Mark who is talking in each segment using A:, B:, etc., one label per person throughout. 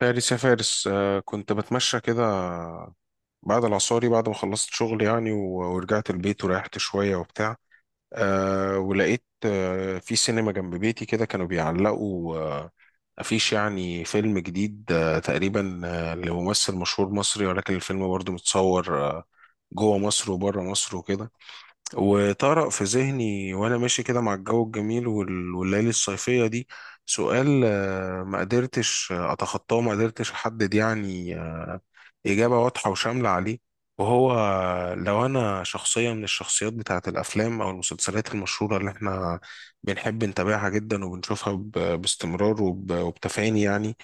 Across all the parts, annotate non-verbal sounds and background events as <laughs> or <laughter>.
A: فارس يا فارس، كنت بتمشى كده بعد العصاري، بعد ما خلصت شغل يعني و- ورجعت البيت وريحت شوية وبتاع. ولقيت في سينما جنب بيتي كده كانوا بيعلقوا أفيش يعني فيلم جديد، تقريبا لممثل مشهور مصري، ولكن الفيلم برضه متصور جوه مصر وبره مصر وكده. وطرق في ذهني وانا ماشي كده مع الجو الجميل وال- والليالي الصيفية دي سؤال ما قدرتش اتخطاه، ما قدرتش احدد يعني إجابة واضحة وشاملة عليه. وهو، لو أنا شخصية من الشخصيات بتاعة الأفلام أو المسلسلات المشهورة اللي إحنا بنحب نتابعها جدا وبنشوفها باستمرار وب- وبتفاني يعني،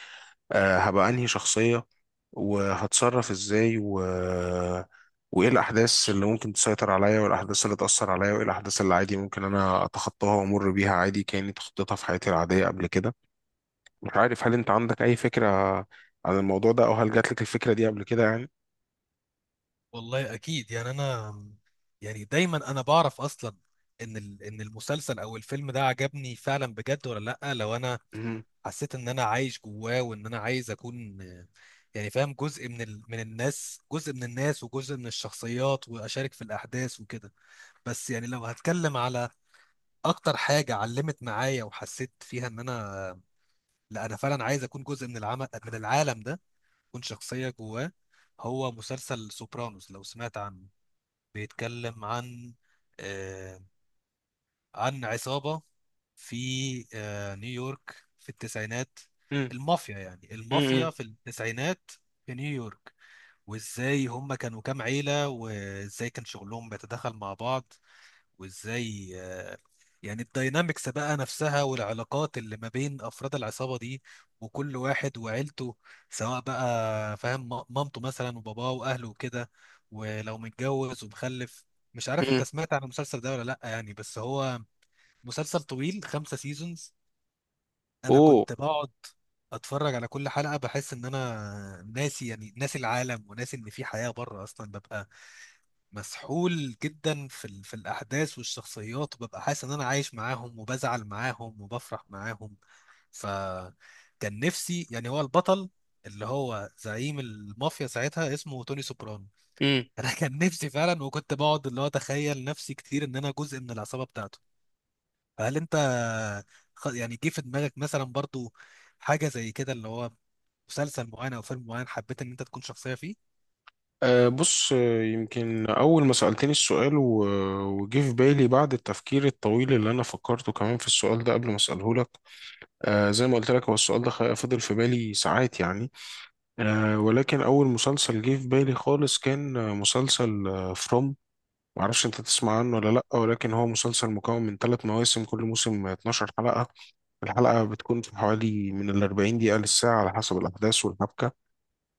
A: هبقى أنهي شخصية؟ وهتصرف ازاي و... وايه الاحداث اللي ممكن تسيطر عليا، والاحداث اللي تاثر عليا، وايه الاحداث اللي عادي ممكن انا اتخطاها وامر بيها عادي كاني تخطيتها في حياتي العاديه قبل كده؟ مش عارف هل انت عندك اي فكره عن الموضوع ده، او هل جات لك الفكره دي قبل كده يعني؟
B: والله اكيد يعني انا يعني دايما انا بعرف اصلا ان المسلسل او الفيلم ده عجبني فعلا بجد ولا لا. لو انا
A: مم.
B: حسيت ان انا عايش جواه وان انا عايز اكون، يعني فاهم جزء من الناس، جزء من الناس وجزء من الشخصيات واشارك في الاحداث وكده. بس يعني لو هتكلم على اكتر حاجة علمت معايا وحسيت فيها ان انا، لا انا فعلا عايز اكون جزء من العمل، من العالم ده، اكون شخصية جواه. هو مسلسل سوبرانوس، لو سمعت عنه، بيتكلم عن آه، عن عصابة في نيويورك في التسعينات.
A: مم.
B: المافيا يعني،
A: مم.
B: المافيا في التسعينات في نيويورك، وازاي هم كانوا كام عيلة وازاي كان شغلهم بيتداخل مع بعض. وازاي يعني الداينامكس بقى نفسها والعلاقات اللي ما بين افراد العصابه دي وكل واحد وعيلته، سواء بقى فاهم مامته مثلا وباباه واهله وكده، ولو متجوز ومخلف. مش عارف انت
A: مم.
B: سمعت عن المسلسل ده ولا لا يعني، بس هو مسلسل طويل، 5 سيزونز. انا
A: اوه.
B: كنت بقعد اتفرج على كل حلقه بحس ان انا ناسي، يعني ناسي العالم وناسي ان في حياه بره اصلا. ببقى مسحول جدا في الاحداث والشخصيات، وببقى حاسس ان انا عايش معاهم وبزعل معاهم وبفرح معاهم. فكان نفسي يعني، هو البطل اللي هو زعيم المافيا ساعتها، اسمه توني سوبرانو.
A: مم.
B: <laughs> انا كان نفسي فعلا، وكنت بقعد اللي هو اتخيل نفسي كتير ان انا جزء من العصابة بتاعته. فهل انت يعني جه في دماغك مثلا برضو حاجة زي كده، اللي هو مسلسل معين او فيلم معين حبيت ان انت تكون شخصية فيه؟
A: أه، بص، يمكن أول ما سألتني السؤال و- وجه في بالي بعد التفكير الطويل اللي أنا فكرته كمان في السؤال ده قبل ما أسأله لك. زي ما قلت لك، هو السؤال ده فضل في بالي ساعات يعني. ولكن أول مسلسل جه في بالي خالص كان مسلسل فروم. معرفش أنت تسمع عنه ولا لأ، ولكن هو مسلسل مكون من ثلاث مواسم، كل موسم 12 حلقة. الحلقة بتكون في حوالي من ال 40 دقيقة للساعة على حسب الأحداث والحبكة.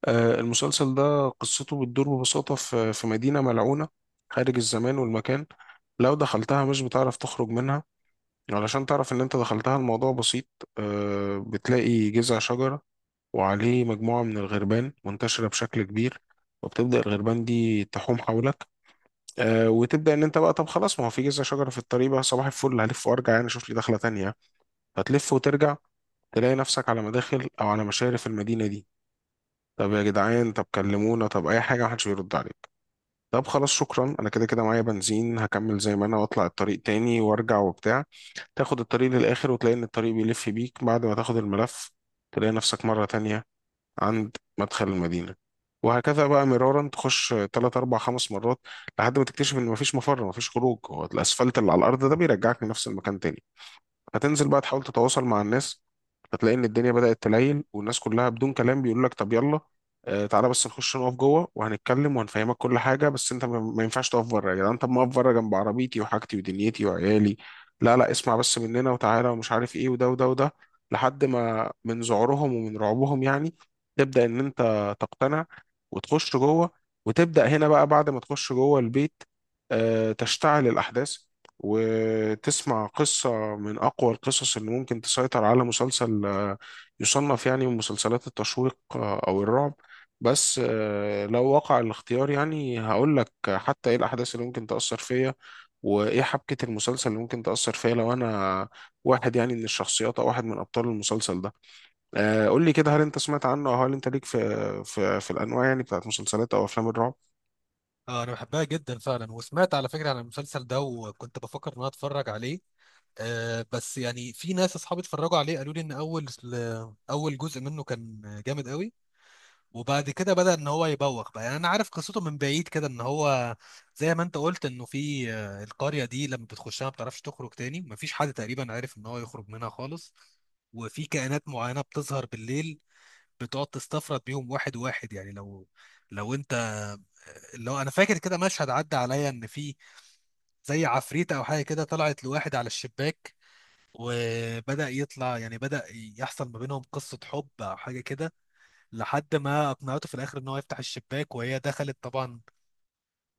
A: المسلسل ده قصته بتدور ببساطة في مدينة ملعونة خارج الزمان والمكان. لو دخلتها مش بتعرف تخرج منها. يعني علشان تعرف ان انت دخلتها الموضوع بسيط. بتلاقي جذع شجرة وعليه مجموعة من الغربان منتشرة بشكل كبير، وبتبدأ الغربان دي تحوم حولك. وتبدأ ان انت بقى، طب خلاص، ما هو في جذع شجرة في الطريق، بقى صباح الفل، هلف وارجع يعني، اشوف لي دخلة تانية. هتلف وترجع تلاقي نفسك على مداخل او على مشارف المدينة دي. طب يا جدعان، طب كلمونا، طب اي حاجة، محدش بيرد عليك. طب خلاص، شكرا، انا كده كده معايا بنزين، هكمل زي ما انا واطلع الطريق تاني وارجع وبتاع. تاخد الطريق للآخر وتلاقي إن الطريق بيلف بيك. بعد ما تاخد الملف تلاقي نفسك مرة تانية عند مدخل المدينة. وهكذا بقى مرارا، تخش تلات أربع خمس مرات لحد ما تكتشف إن مفيش مفر، مفيش خروج. هو الأسفلت اللي على الأرض ده بيرجعك لنفس المكان تاني. هتنزل بقى تحاول تتواصل مع الناس، هتلاقي ان الدنيا بدأت تليل، والناس كلها بدون كلام بيقول لك، طب يلا تعالى بس نخش نقف جوه وهنتكلم وهنفهمك كل حاجه، بس انت ما ما ينفعش تقف بره يا جدعان. طب ما اقف بره جنب عربيتي وحاجتي ودنيتي وعيالي. لا لا، اسمع بس مننا وتعالى ومش عارف ايه، وده وده وده. لحد ما من ذعورهم ومن رعبهم يعني تبدأ ان انت تقتنع وتخش جوه. وتبدأ هنا بقى بعد ما تخش جوه البيت، تشتعل الأحداث وتسمع قصة من أقوى القصص اللي ممكن تسيطر على مسلسل يصنف يعني من مسلسلات التشويق أو الرعب. بس لو وقع الاختيار يعني هقول لك حتى إيه الأحداث اللي ممكن تأثر فيا، وإيه حبكة المسلسل اللي ممكن تأثر فيا لو أنا واحد يعني من الشخصيات أو واحد من أبطال المسلسل ده. قول لي كده، هل أنت سمعت عنه، أو هل أنت ليك في في الأنواع يعني بتاعت مسلسلات أو أفلام الرعب؟
B: اه انا بحبها جدا فعلا، وسمعت على فكره عن المسلسل ده وكنت بفكر ان انا اتفرج عليه. آه بس يعني في ناس اصحابي اتفرجوا عليه قالوا لي ان اول جزء منه كان جامد قوي، وبعد كده بدأ ان هو يبوخ بقى. يعني انا عارف قصته من بعيد كده، ان هو زي ما انت قلت انه في، القرية دي لما بتخشها ما بتعرفش تخرج تاني، مفيش حد تقريبا عارف ان هو يخرج منها خالص. وفي كائنات معينة بتظهر بالليل، بتقعد تستفرد بيهم واحد واحد. يعني لو لو انت لو انا فاكر كده، مشهد عدى عليا ان في زي عفريتة او حاجه كده طلعت لواحد على الشباك، وبدأ يطلع، يعني بدأ يحصل ما بينهم قصة حب او حاجه كده، لحد ما اقنعته في الاخر ان هو يفتح الشباك، وهي دخلت طبعا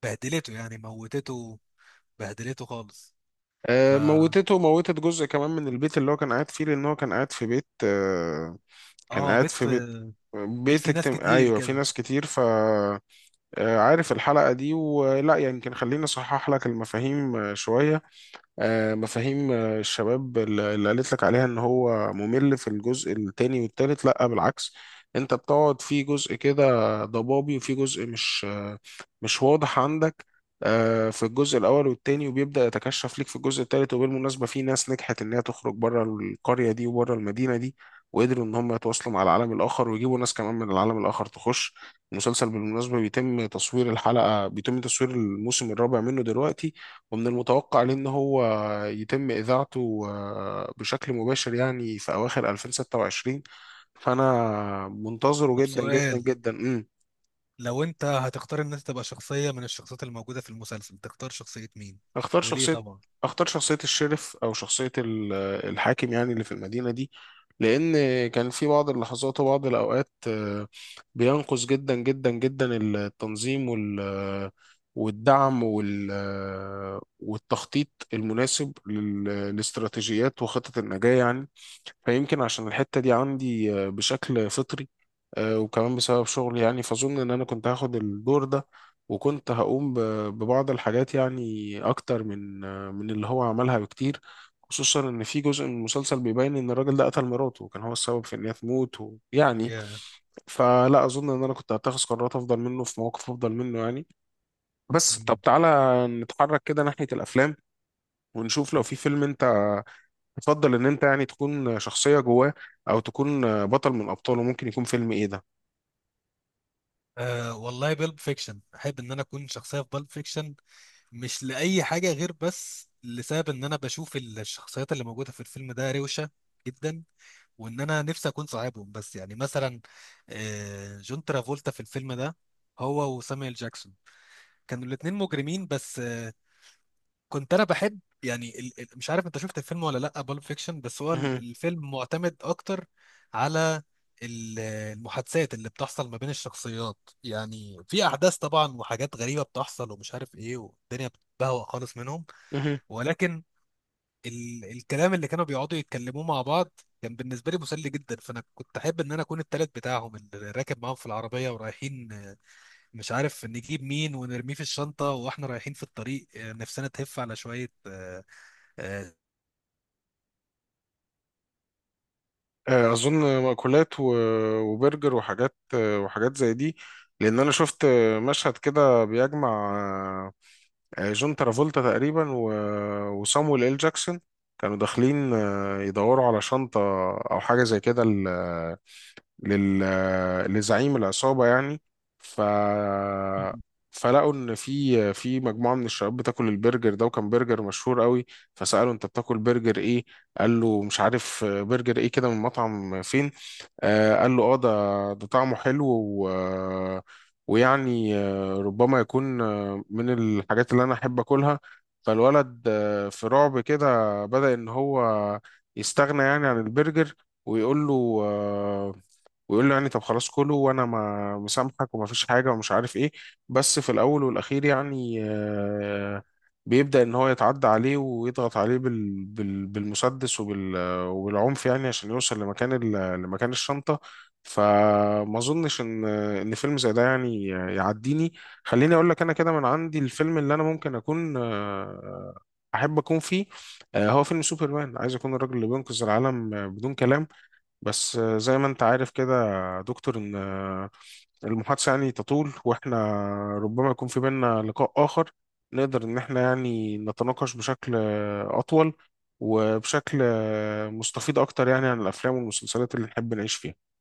B: بهدلته، يعني موتته، بهدلته خالص. ف
A: موتته وموتت جزء كمان من البيت اللي هو كان قاعد فيه، لان هو كان قاعد في بيت، كان
B: اه
A: قاعد في بيت
B: بيت
A: بيت
B: فيه ناس
A: اجتماع،
B: كتير
A: ايوه، في
B: كده.
A: ناس كتير. عارف الحلقة دي ولا؟ يمكن خليني اصحح لك المفاهيم شوية، مفاهيم. الشباب اللي قالت لك عليها ان هو ممل في الجزء التاني والتالت، لا بالعكس. انت بتقعد في جزء كده ضبابي وفي جزء مش واضح عندك في الجزء الاول والتاني، وبيبدأ يتكشف ليك في الجزء التالت. وبالمناسبة، في ناس نجحت ان هي تخرج بره القرية دي وبره المدينة دي، وقدروا ان هم يتواصلوا مع العالم الاخر ويجيبوا ناس كمان من العالم الاخر تخش. المسلسل بالمناسبة بيتم تصوير الموسم الرابع منه دلوقتي، ومن المتوقع عليه ان هو يتم إذاعته بشكل مباشر يعني في أواخر 2026. فأنا منتظره
B: طب
A: جدا جدا
B: سؤال،
A: جدا.
B: لو انت هتختار ان انت تبقى شخصية من الشخصيات الموجودة في المسلسل، تختار شخصية مين
A: اختار
B: وليه
A: شخصية
B: طبعا؟
A: اختار شخصية الشرف، أو شخصية ال- الحاكم يعني اللي في المدينة دي. لأن كان في بعض اللحظات وبعض الأوقات بينقص جدا جدا جدا التنظيم وال والدعم وال آه، والتخطيط المناسب لل- لاستراتيجيات وخطط النجاة يعني. فيمكن عشان الحتة دي عندي بشكل فطري، وكمان بسبب شغلي يعني، فأظن إن أنا كنت هاخد الدور ده. وكنت هقوم ب- ببعض الحاجات يعني أكتر من اللي هو عملها بكتير، خصوصا إن في جزء من المسلسل بيبين إن الراجل ده قتل مراته وكان هو السبب في إن هي تموت، ويعني
B: يا
A: فلا أظن إن أنا كنت هتخذ قرارات أفضل منه في مواقف أفضل منه يعني. بس طب
B: مم.
A: تعالى نتحرك كده ناحية الأفلام، ونشوف لو في فيلم أنت تفضل ان انت يعني تكون شخصية جواه، او تكون بطل من ابطاله. ممكن يكون فيلم ايه ده؟
B: آه والله بالب فيكشن، احب ان انا اكون شخصية في بالب فيكشن. مش لأي حاجة غير بس لسبب ان انا بشوف الشخصيات اللي موجودة في الفيلم ده روشة جدا، وان انا نفسي اكون صاحبهم. بس يعني مثلا آه جون ترافولتا في الفيلم ده، هو وسامويل جاكسون، كانوا الاتنين مجرمين. بس كنت انا بحب يعني مش عارف انت شفت الفيلم ولا لا، بالب فيكشن، بس هو
A: مهم.
B: الفيلم معتمد اكتر على المحادثات اللي بتحصل ما بين الشخصيات. يعني في احداث طبعا وحاجات غريبة بتحصل ومش عارف ايه، والدنيا بتبهوأ خالص منهم،
A: مهم.
B: ولكن الكلام اللي كانوا بيقعدوا يتكلموه مع بعض كان بالنسبة لي مسلي جدا. فانا كنت احب ان انا اكون التالت بتاعهم اللي راكب معاهم في العربية ورايحين، مش عارف نجيب مين ونرميه في الشنطة، واحنا رايحين في الطريق نفسنا تهف على شوية، آه،
A: اظن مأكولات و- وبرجر وحاجات، وحاجات زي دي. لان انا شفت مشهد كده بيجمع آه، جون ترافولتا تقريبا و- وصامويل ال جاكسون. كانوا داخلين يدوروا على شنطة او حاجة زي كده لل... لزعيم العصابة يعني. ف فلقوا ان في مجموعه من الشباب بتاكل البرجر ده، وكان برجر مشهور قوي. فسالوا، انت بتاكل برجر ايه؟ قال له، مش عارف، برجر ايه كده من مطعم فين. قال له، اه ده طعمه حلو و... ويعني ربما يكون من الحاجات اللي انا احب اكلها. فالولد في رعب كده بدأ ان هو يستغنى يعني عن البرجر، ويقول له آه، ويقول له يعني، طب خلاص كله، وانا ما مسامحك وما فيش حاجه ومش عارف ايه. بس في الاول والاخير يعني بيبدا ان هو يتعدى عليه ويضغط عليه بالمسدس وبالعنف يعني عشان يوصل لمكان الشنطه. فما اظنش ان فيلم زي ده يعني يعديني. خليني اقول لك انا كده من عندي الفيلم اللي انا ممكن اكون احب اكون فيه. هو فيلم سوبرمان، عايز اكون الراجل اللي بينقذ العالم بدون كلام. بس زي ما انت عارف كده يا دكتور، ان المحادثة يعني تطول، واحنا ربما يكون في بيننا لقاء آخر نقدر ان احنا يعني نتناقش بشكل أطول وبشكل مستفيض أكتر يعني عن الأفلام والمسلسلات اللي نحب نعيش فيها.